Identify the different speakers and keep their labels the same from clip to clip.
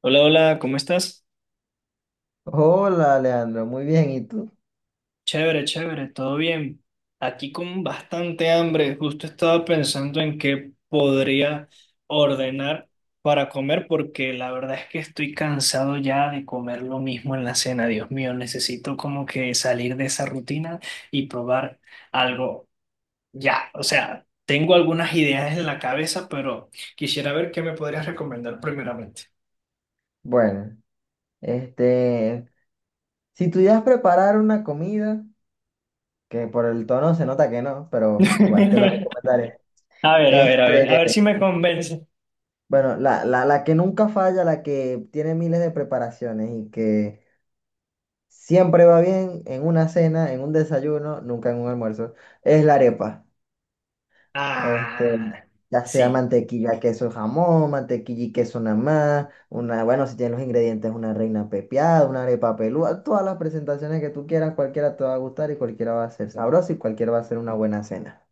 Speaker 1: Hola, hola, ¿cómo estás?
Speaker 2: Hola, Leandro, muy bien, ¿y tú?
Speaker 1: Chévere, chévere, todo bien. Aquí con bastante hambre. Justo estaba pensando en qué podría ordenar para comer porque la verdad es que estoy cansado ya de comer lo mismo en la cena. Dios mío, necesito como que salir de esa rutina y probar algo ya. O sea, tengo algunas ideas en la cabeza, pero quisiera ver qué me podrías recomendar primeramente.
Speaker 2: Bueno, este, si pudieras preparar una comida, que por el tono se nota que no, pero igual te la recomendaré.
Speaker 1: A ver, a ver, a ver, a ver
Speaker 2: Este,
Speaker 1: si me convence.
Speaker 2: bueno, la que nunca falla, la que tiene miles de preparaciones y que siempre va bien en una cena, en un desayuno, nunca en un almuerzo, es la arepa. Este,
Speaker 1: Ah,
Speaker 2: ya sea
Speaker 1: sí,
Speaker 2: mantequilla, queso, jamón, mantequilla y queso nada más, una, bueno, si tienes los ingredientes, una reina pepiada, una arepa pelúa, todas las presentaciones que tú quieras, cualquiera te va a gustar y cualquiera va a ser sabroso y cualquiera va a ser una buena cena.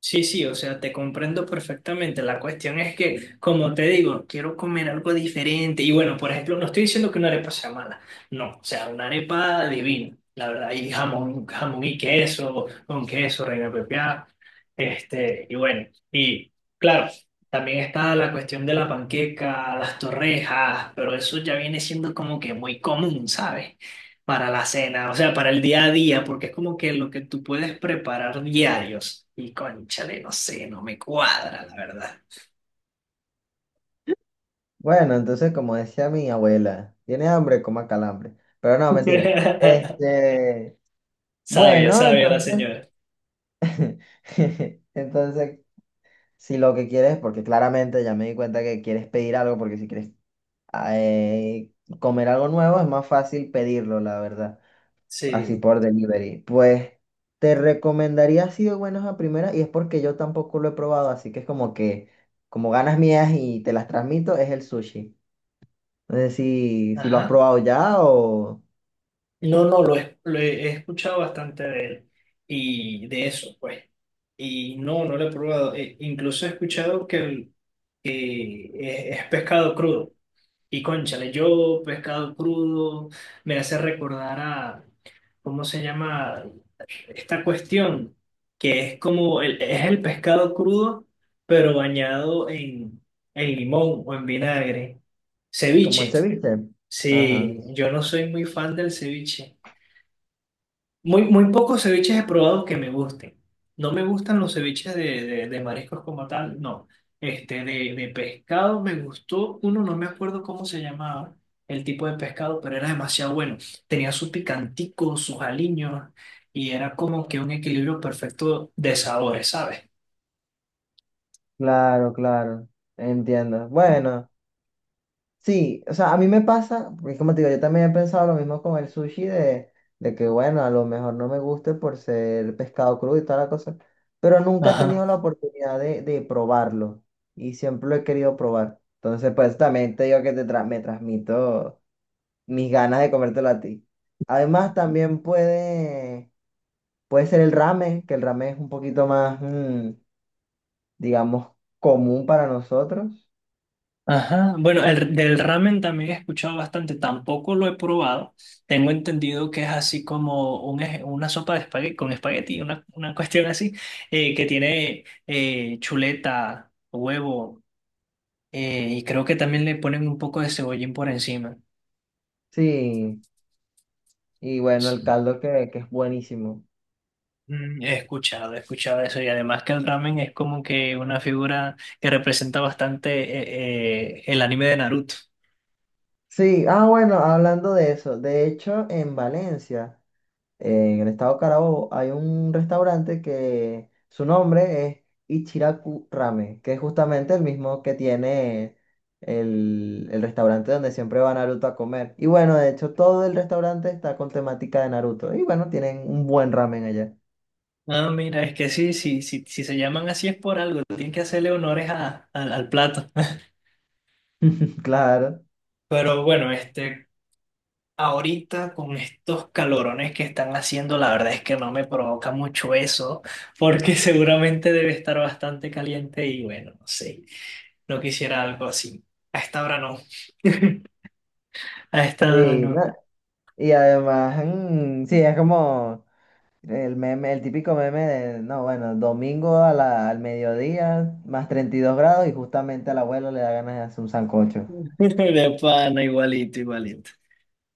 Speaker 1: sí, sí, o sea, te comprendo perfectamente. La cuestión es que, como te digo, quiero comer algo diferente. Y bueno, por ejemplo, no estoy diciendo que una arepa sea mala, no, o sea, una arepa divina, la verdad, y jamón, jamón y queso, con queso, reina pepiada, y bueno, y claro, también está la cuestión de la panqueca, las torrejas, pero eso ya viene siendo como que muy común, ¿sabes? Para la cena, o sea, para el día a día, porque es como que lo que tú puedes preparar diarios. Y cónchale, no sé, no me cuadra, la verdad.
Speaker 2: Bueno, entonces, como decía mi abuela, tiene hambre, coma calambre. Pero no, mentira.
Speaker 1: Sabia,
Speaker 2: Bueno,
Speaker 1: sabia la
Speaker 2: entonces,
Speaker 1: señora.
Speaker 2: entonces, si lo que quieres, porque claramente ya me di cuenta que quieres pedir algo, porque si quieres ah, eh, comer algo nuevo, es más fácil pedirlo, la verdad, así
Speaker 1: Sí,
Speaker 2: por delivery. Pues te recomendaría así de buenas a primeras, y es porque yo tampoco lo he probado, así que es como que, como ganas mías y te las transmito, es el sushi. No sé si lo has
Speaker 1: ajá.
Speaker 2: probado ya o
Speaker 1: No, no, lo he escuchado bastante de él y de eso, pues. Y no, no lo he probado. Incluso he escuchado que, que es pescado crudo. Y cónchale, yo pescado crudo me hace recordar a, ¿cómo se llama? Esta cuestión que es como es el pescado crudo, pero bañado en limón o en vinagre.
Speaker 2: como el
Speaker 1: Ceviche.
Speaker 2: ceviche. Ajá,
Speaker 1: Sí, yo no soy muy fan del ceviche. Muy, muy pocos ceviches he probado que me gusten. No me gustan los ceviches de mariscos como tal, no. De pescado me gustó uno, no me acuerdo cómo se llamaba el tipo de pescado, pero era demasiado bueno. Tenía su picantico, sus aliños, y era como que un equilibrio perfecto de sabores, ¿sabes?
Speaker 2: claro, claro, entiendo. Bueno. Sí, o sea, a mí me pasa, porque como te digo, yo también he pensado lo mismo con el sushi de que, bueno, a lo mejor no me guste por ser pescado crudo y toda la cosa, pero nunca he
Speaker 1: Ajá.
Speaker 2: tenido la oportunidad de probarlo y siempre lo he querido probar. Entonces, pues también te digo que me transmito mis ganas de comértelo a ti. Además, también puede ser el ramen, que el ramen es un poquito más, digamos, común para nosotros.
Speaker 1: Ajá, bueno, del ramen también he escuchado bastante, tampoco lo he probado. Tengo entendido que es así como una sopa de espagueti, con espagueti, una cuestión así, que tiene chuleta, huevo, y creo que también le ponen un poco de cebollín por encima.
Speaker 2: Sí, y bueno, el caldo que es buenísimo.
Speaker 1: Mm, he escuchado, he escuchado eso y además que el ramen es como que una figura que representa bastante el anime de Naruto.
Speaker 2: Sí, ah, bueno, hablando de eso, de hecho, en Valencia, en el estado Carabobo, hay un restaurante que su nombre es Ichiraku Ramen, que es justamente el mismo que tiene el restaurante donde siempre va Naruto a comer. Y bueno, de hecho, todo el restaurante está con temática de Naruto. Y bueno, tienen un buen ramen allá.
Speaker 1: Ah, mira, es que sí, sí, sí, si se llaman así es por algo, tienen que hacerle honores al plato.
Speaker 2: Claro.
Speaker 1: Pero bueno, ahorita con estos calorones que están haciendo, la verdad es que no me provoca mucho eso, porque seguramente debe estar bastante caliente y bueno, no sé, no quisiera algo así. A esta hora no. A esta hora
Speaker 2: Sí, ¿no?
Speaker 1: no.
Speaker 2: Y además, mm, sí, es como. El meme, el típico meme de, no, bueno, domingo al mediodía, más 32 grados y justamente al abuelo le da ganas de hacer un sancocho.
Speaker 1: De pana, igualito, igualito.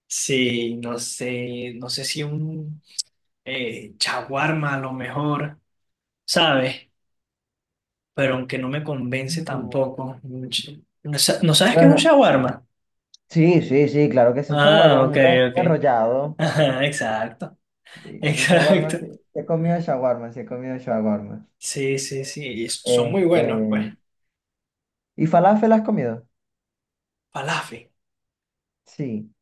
Speaker 1: Sí, no sé, no sé si un chaguarma a lo mejor, ¿sabes? Pero aunque no me convence
Speaker 2: No.
Speaker 1: tampoco. Un no sabes qué es un
Speaker 2: Bueno,
Speaker 1: shawarma?
Speaker 2: sí, sí, sí, claro que es un shawarma,
Speaker 1: Ah, ok,
Speaker 2: un
Speaker 1: ok.
Speaker 2: enrollado.
Speaker 1: Ajá, exacto,
Speaker 2: Sí, un
Speaker 1: exacto.
Speaker 2: shawarma, sí. Sí he comido shawarma, sí he comido shawarma.
Speaker 1: Sí, sí, sí, y son muy buenos, pues.
Speaker 2: Este, ¿Y falafel has comido?
Speaker 1: Falafel.
Speaker 2: Sí.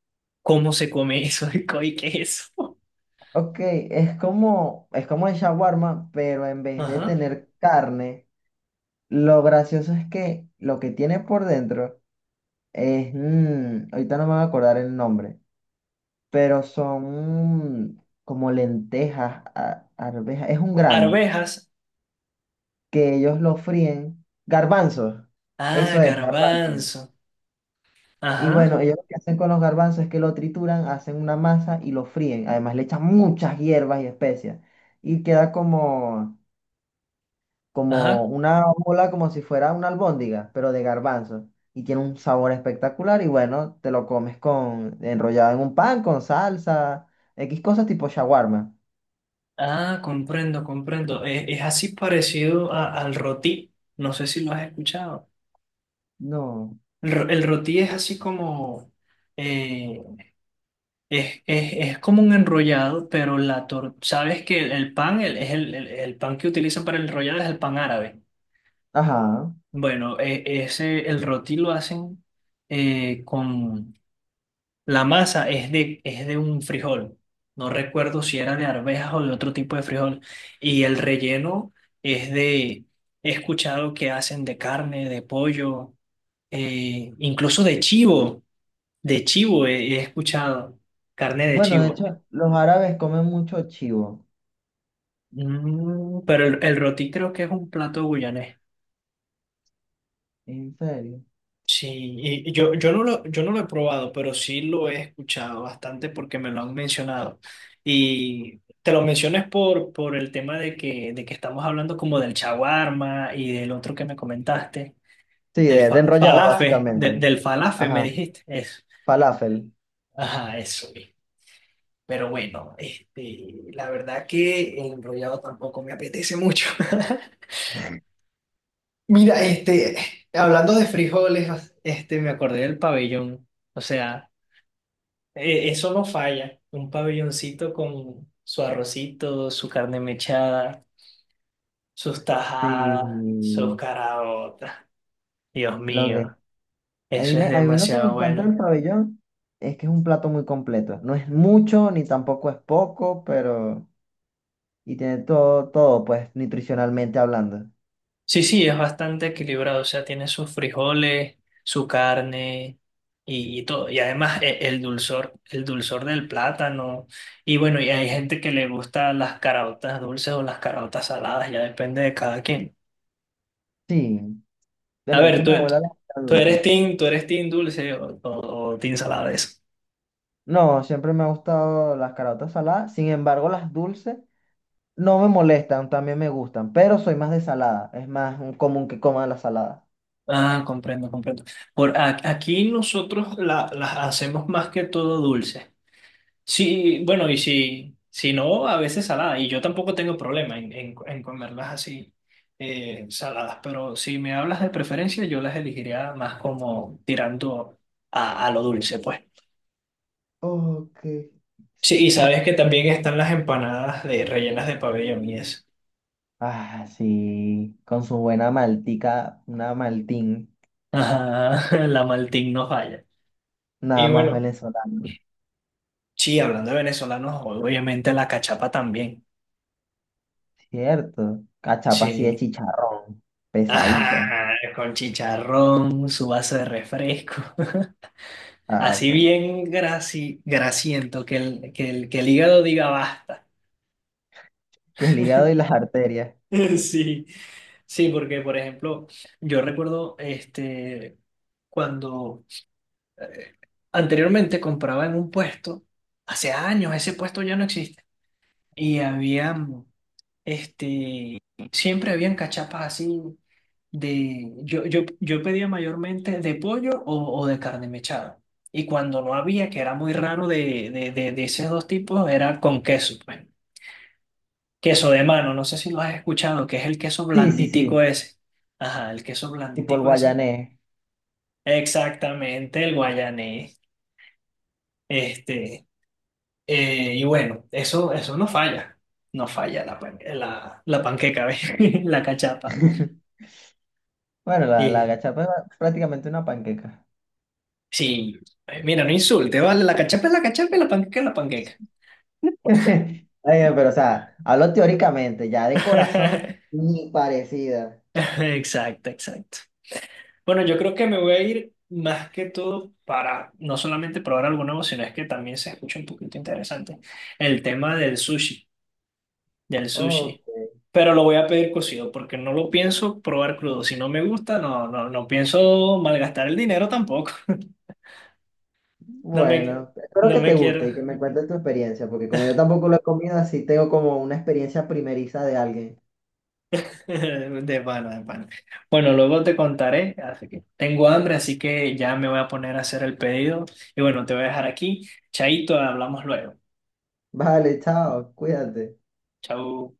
Speaker 1: ¿Cómo se come eso y queso?
Speaker 2: Ok, es como el shawarma, pero en vez de
Speaker 1: Ajá.
Speaker 2: tener carne, lo gracioso es que lo que tiene por dentro es, mm, ahorita no me voy a acordar el nombre, pero son mm, como lentejas, arvejas, es un grano
Speaker 1: Arvejas.
Speaker 2: que ellos lo fríen, garbanzos,
Speaker 1: Ah,
Speaker 2: eso es, garbanzos.
Speaker 1: garbanzo.
Speaker 2: Y
Speaker 1: Ajá,
Speaker 2: bueno, ellos lo que hacen con los garbanzos es que lo trituran, hacen una masa y lo fríen. Además le echan muchas hierbas y especias. Y queda como, como
Speaker 1: ajá.
Speaker 2: una bola, como si fuera una albóndiga, pero de garbanzo. Y tiene un sabor espectacular y bueno, te lo comes con enrollado en un pan, con salsa, X cosas tipo shawarma.
Speaker 1: Ah, comprendo, comprendo. Es así parecido al rotí. No sé si lo has escuchado.
Speaker 2: No.
Speaker 1: El, el rotí es así como... eh, es, es como un enrollado, pero la tor sabes que el pan es el pan que utilizan para el enrollado es el pan árabe.
Speaker 2: Ajá.
Speaker 1: Bueno, ese el roti lo hacen con la masa es de un frijol. No recuerdo si era de arvejas o de otro tipo de frijol y el relleno es de he escuchado que hacen de carne, de pollo, incluso de chivo he escuchado carne de
Speaker 2: Bueno, de
Speaker 1: chivo.
Speaker 2: hecho, los árabes comen mucho chivo.
Speaker 1: Mm, pero el roti creo que es un plato guyanés.
Speaker 2: ¿En serio?
Speaker 1: Sí, y yo no lo, yo no lo he probado, pero sí lo he escuchado bastante porque me lo han mencionado. Y te lo mencionas por el tema de que estamos hablando como del shawarma y del otro que me comentaste,
Speaker 2: Sí, de enrollado,
Speaker 1: falafe,
Speaker 2: básicamente.
Speaker 1: del falafe me
Speaker 2: Ajá.
Speaker 1: dijiste. Eso.
Speaker 2: Falafel.
Speaker 1: Ajá, eso mismo. Pero bueno, la verdad que el enrollado tampoco me apetece mucho. Mira, hablando de frijoles, me acordé del pabellón. O sea, eso no falla. Un pabelloncito con su arrocito, su carne mechada, sus tajadas, sus
Speaker 2: Sí.
Speaker 1: caraotas. Dios
Speaker 2: Lo que...
Speaker 1: mío,
Speaker 2: A mí,
Speaker 1: eso es
Speaker 2: a mí lo que me
Speaker 1: demasiado
Speaker 2: encanta del
Speaker 1: bueno.
Speaker 2: pabellón es que es un plato muy completo. No es mucho, ni tampoco es poco, pero... y tiene todo, todo, pues, nutricionalmente hablando.
Speaker 1: Sí, sí, es bastante equilibrado, o sea, tiene sus frijoles, su carne y todo. Y además el dulzor del plátano. Y bueno, y hay gente que le gusta las caraotas dulces o las caraotas saladas, ya depende de cada quien.
Speaker 2: Sí,
Speaker 1: A
Speaker 2: bueno, de hecho
Speaker 1: ver, tú,
Speaker 2: mi
Speaker 1: tú
Speaker 2: abuela las hacía
Speaker 1: tú
Speaker 2: dulces.
Speaker 1: eres team, tú eres team dulce o team salada eso.
Speaker 2: No, siempre me ha gustado las caraotas saladas, sin embargo las dulces no me molestan, también me gustan, pero soy más de salada, es más común que coma la salada.
Speaker 1: Ah, comprendo, comprendo. Por aquí nosotros las hacemos más que todo dulces. Sí, bueno, y si no, a veces salada. Y yo tampoco tengo problema en comerlas así, saladas. Pero si me hablas de preferencia, yo las elegiría más como tirando a lo dulce, pues.
Speaker 2: Ok.
Speaker 1: Sí, y sabes que también están las empanadas de rellenas de pabellón y eso.
Speaker 2: Ah, sí, con su buena maltica, una maltín,
Speaker 1: Ajá, la Maltín no falla. Y
Speaker 2: nada más
Speaker 1: bueno,
Speaker 2: venezolano,
Speaker 1: sí, hablando de venezolanos, obviamente la cachapa también.
Speaker 2: cierto. Cachapa así de
Speaker 1: Sí.
Speaker 2: chicharrón, pesadita.
Speaker 1: Ajá, con chicharrón, su vaso de refresco.
Speaker 2: Ah,
Speaker 1: Así
Speaker 2: pues,
Speaker 1: bien graci, grasiento, que el hígado diga basta.
Speaker 2: que el hígado y las arterias.
Speaker 1: Sí, sí, porque por ejemplo, yo recuerdo cuando anteriormente compraba en un puesto, hace años ese puesto ya no existe, y había Este, siempre habían cachapas así de, yo pedía mayormente de pollo o de carne mechada. Y cuando no había, que era muy raro de esos dos tipos, era con queso, pues. Queso de mano, no sé si lo has escuchado, que es el queso
Speaker 2: Sí, sí,
Speaker 1: blanditico
Speaker 2: sí.
Speaker 1: ese. Ajá, el queso
Speaker 2: Y por
Speaker 1: blanditico ese.
Speaker 2: guayanés.
Speaker 1: Exactamente, el guayanés. Este, y bueno, eso no falla. No falla la panqueca, ¿ves? La cachapa.
Speaker 2: Bueno, la
Speaker 1: Y
Speaker 2: gachapa es prácticamente una panqueca.
Speaker 1: sí, mira, no insulte, ¿vale? La cachapa es la cachapa y la panqueca es la panqueca.
Speaker 2: Está pero o sea, hablo teóricamente, ya de corazón, ni parecida.
Speaker 1: Exacto, exacto. Bueno, yo creo que me voy a ir más que todo para no solamente probar algo nuevo, sino es que también se escucha un poquito interesante el tema del sushi, del
Speaker 2: Ok,
Speaker 1: sushi. Pero lo voy a pedir cocido porque no lo pienso probar crudo. Si no me gusta, no, no, no pienso malgastar el dinero tampoco. No me,
Speaker 2: bueno, espero
Speaker 1: no
Speaker 2: que te
Speaker 1: me quiero.
Speaker 2: guste y que me cuentes tu experiencia, porque como yo tampoco lo he comido, así tengo como una experiencia primeriza de alguien.
Speaker 1: De pana, de pana. Bueno, luego te contaré, así que tengo hambre, así que ya me voy a poner a hacer el pedido. Y bueno, te voy a dejar aquí. Chaito, hablamos luego.
Speaker 2: Vale, chao, cuídate.
Speaker 1: Chau.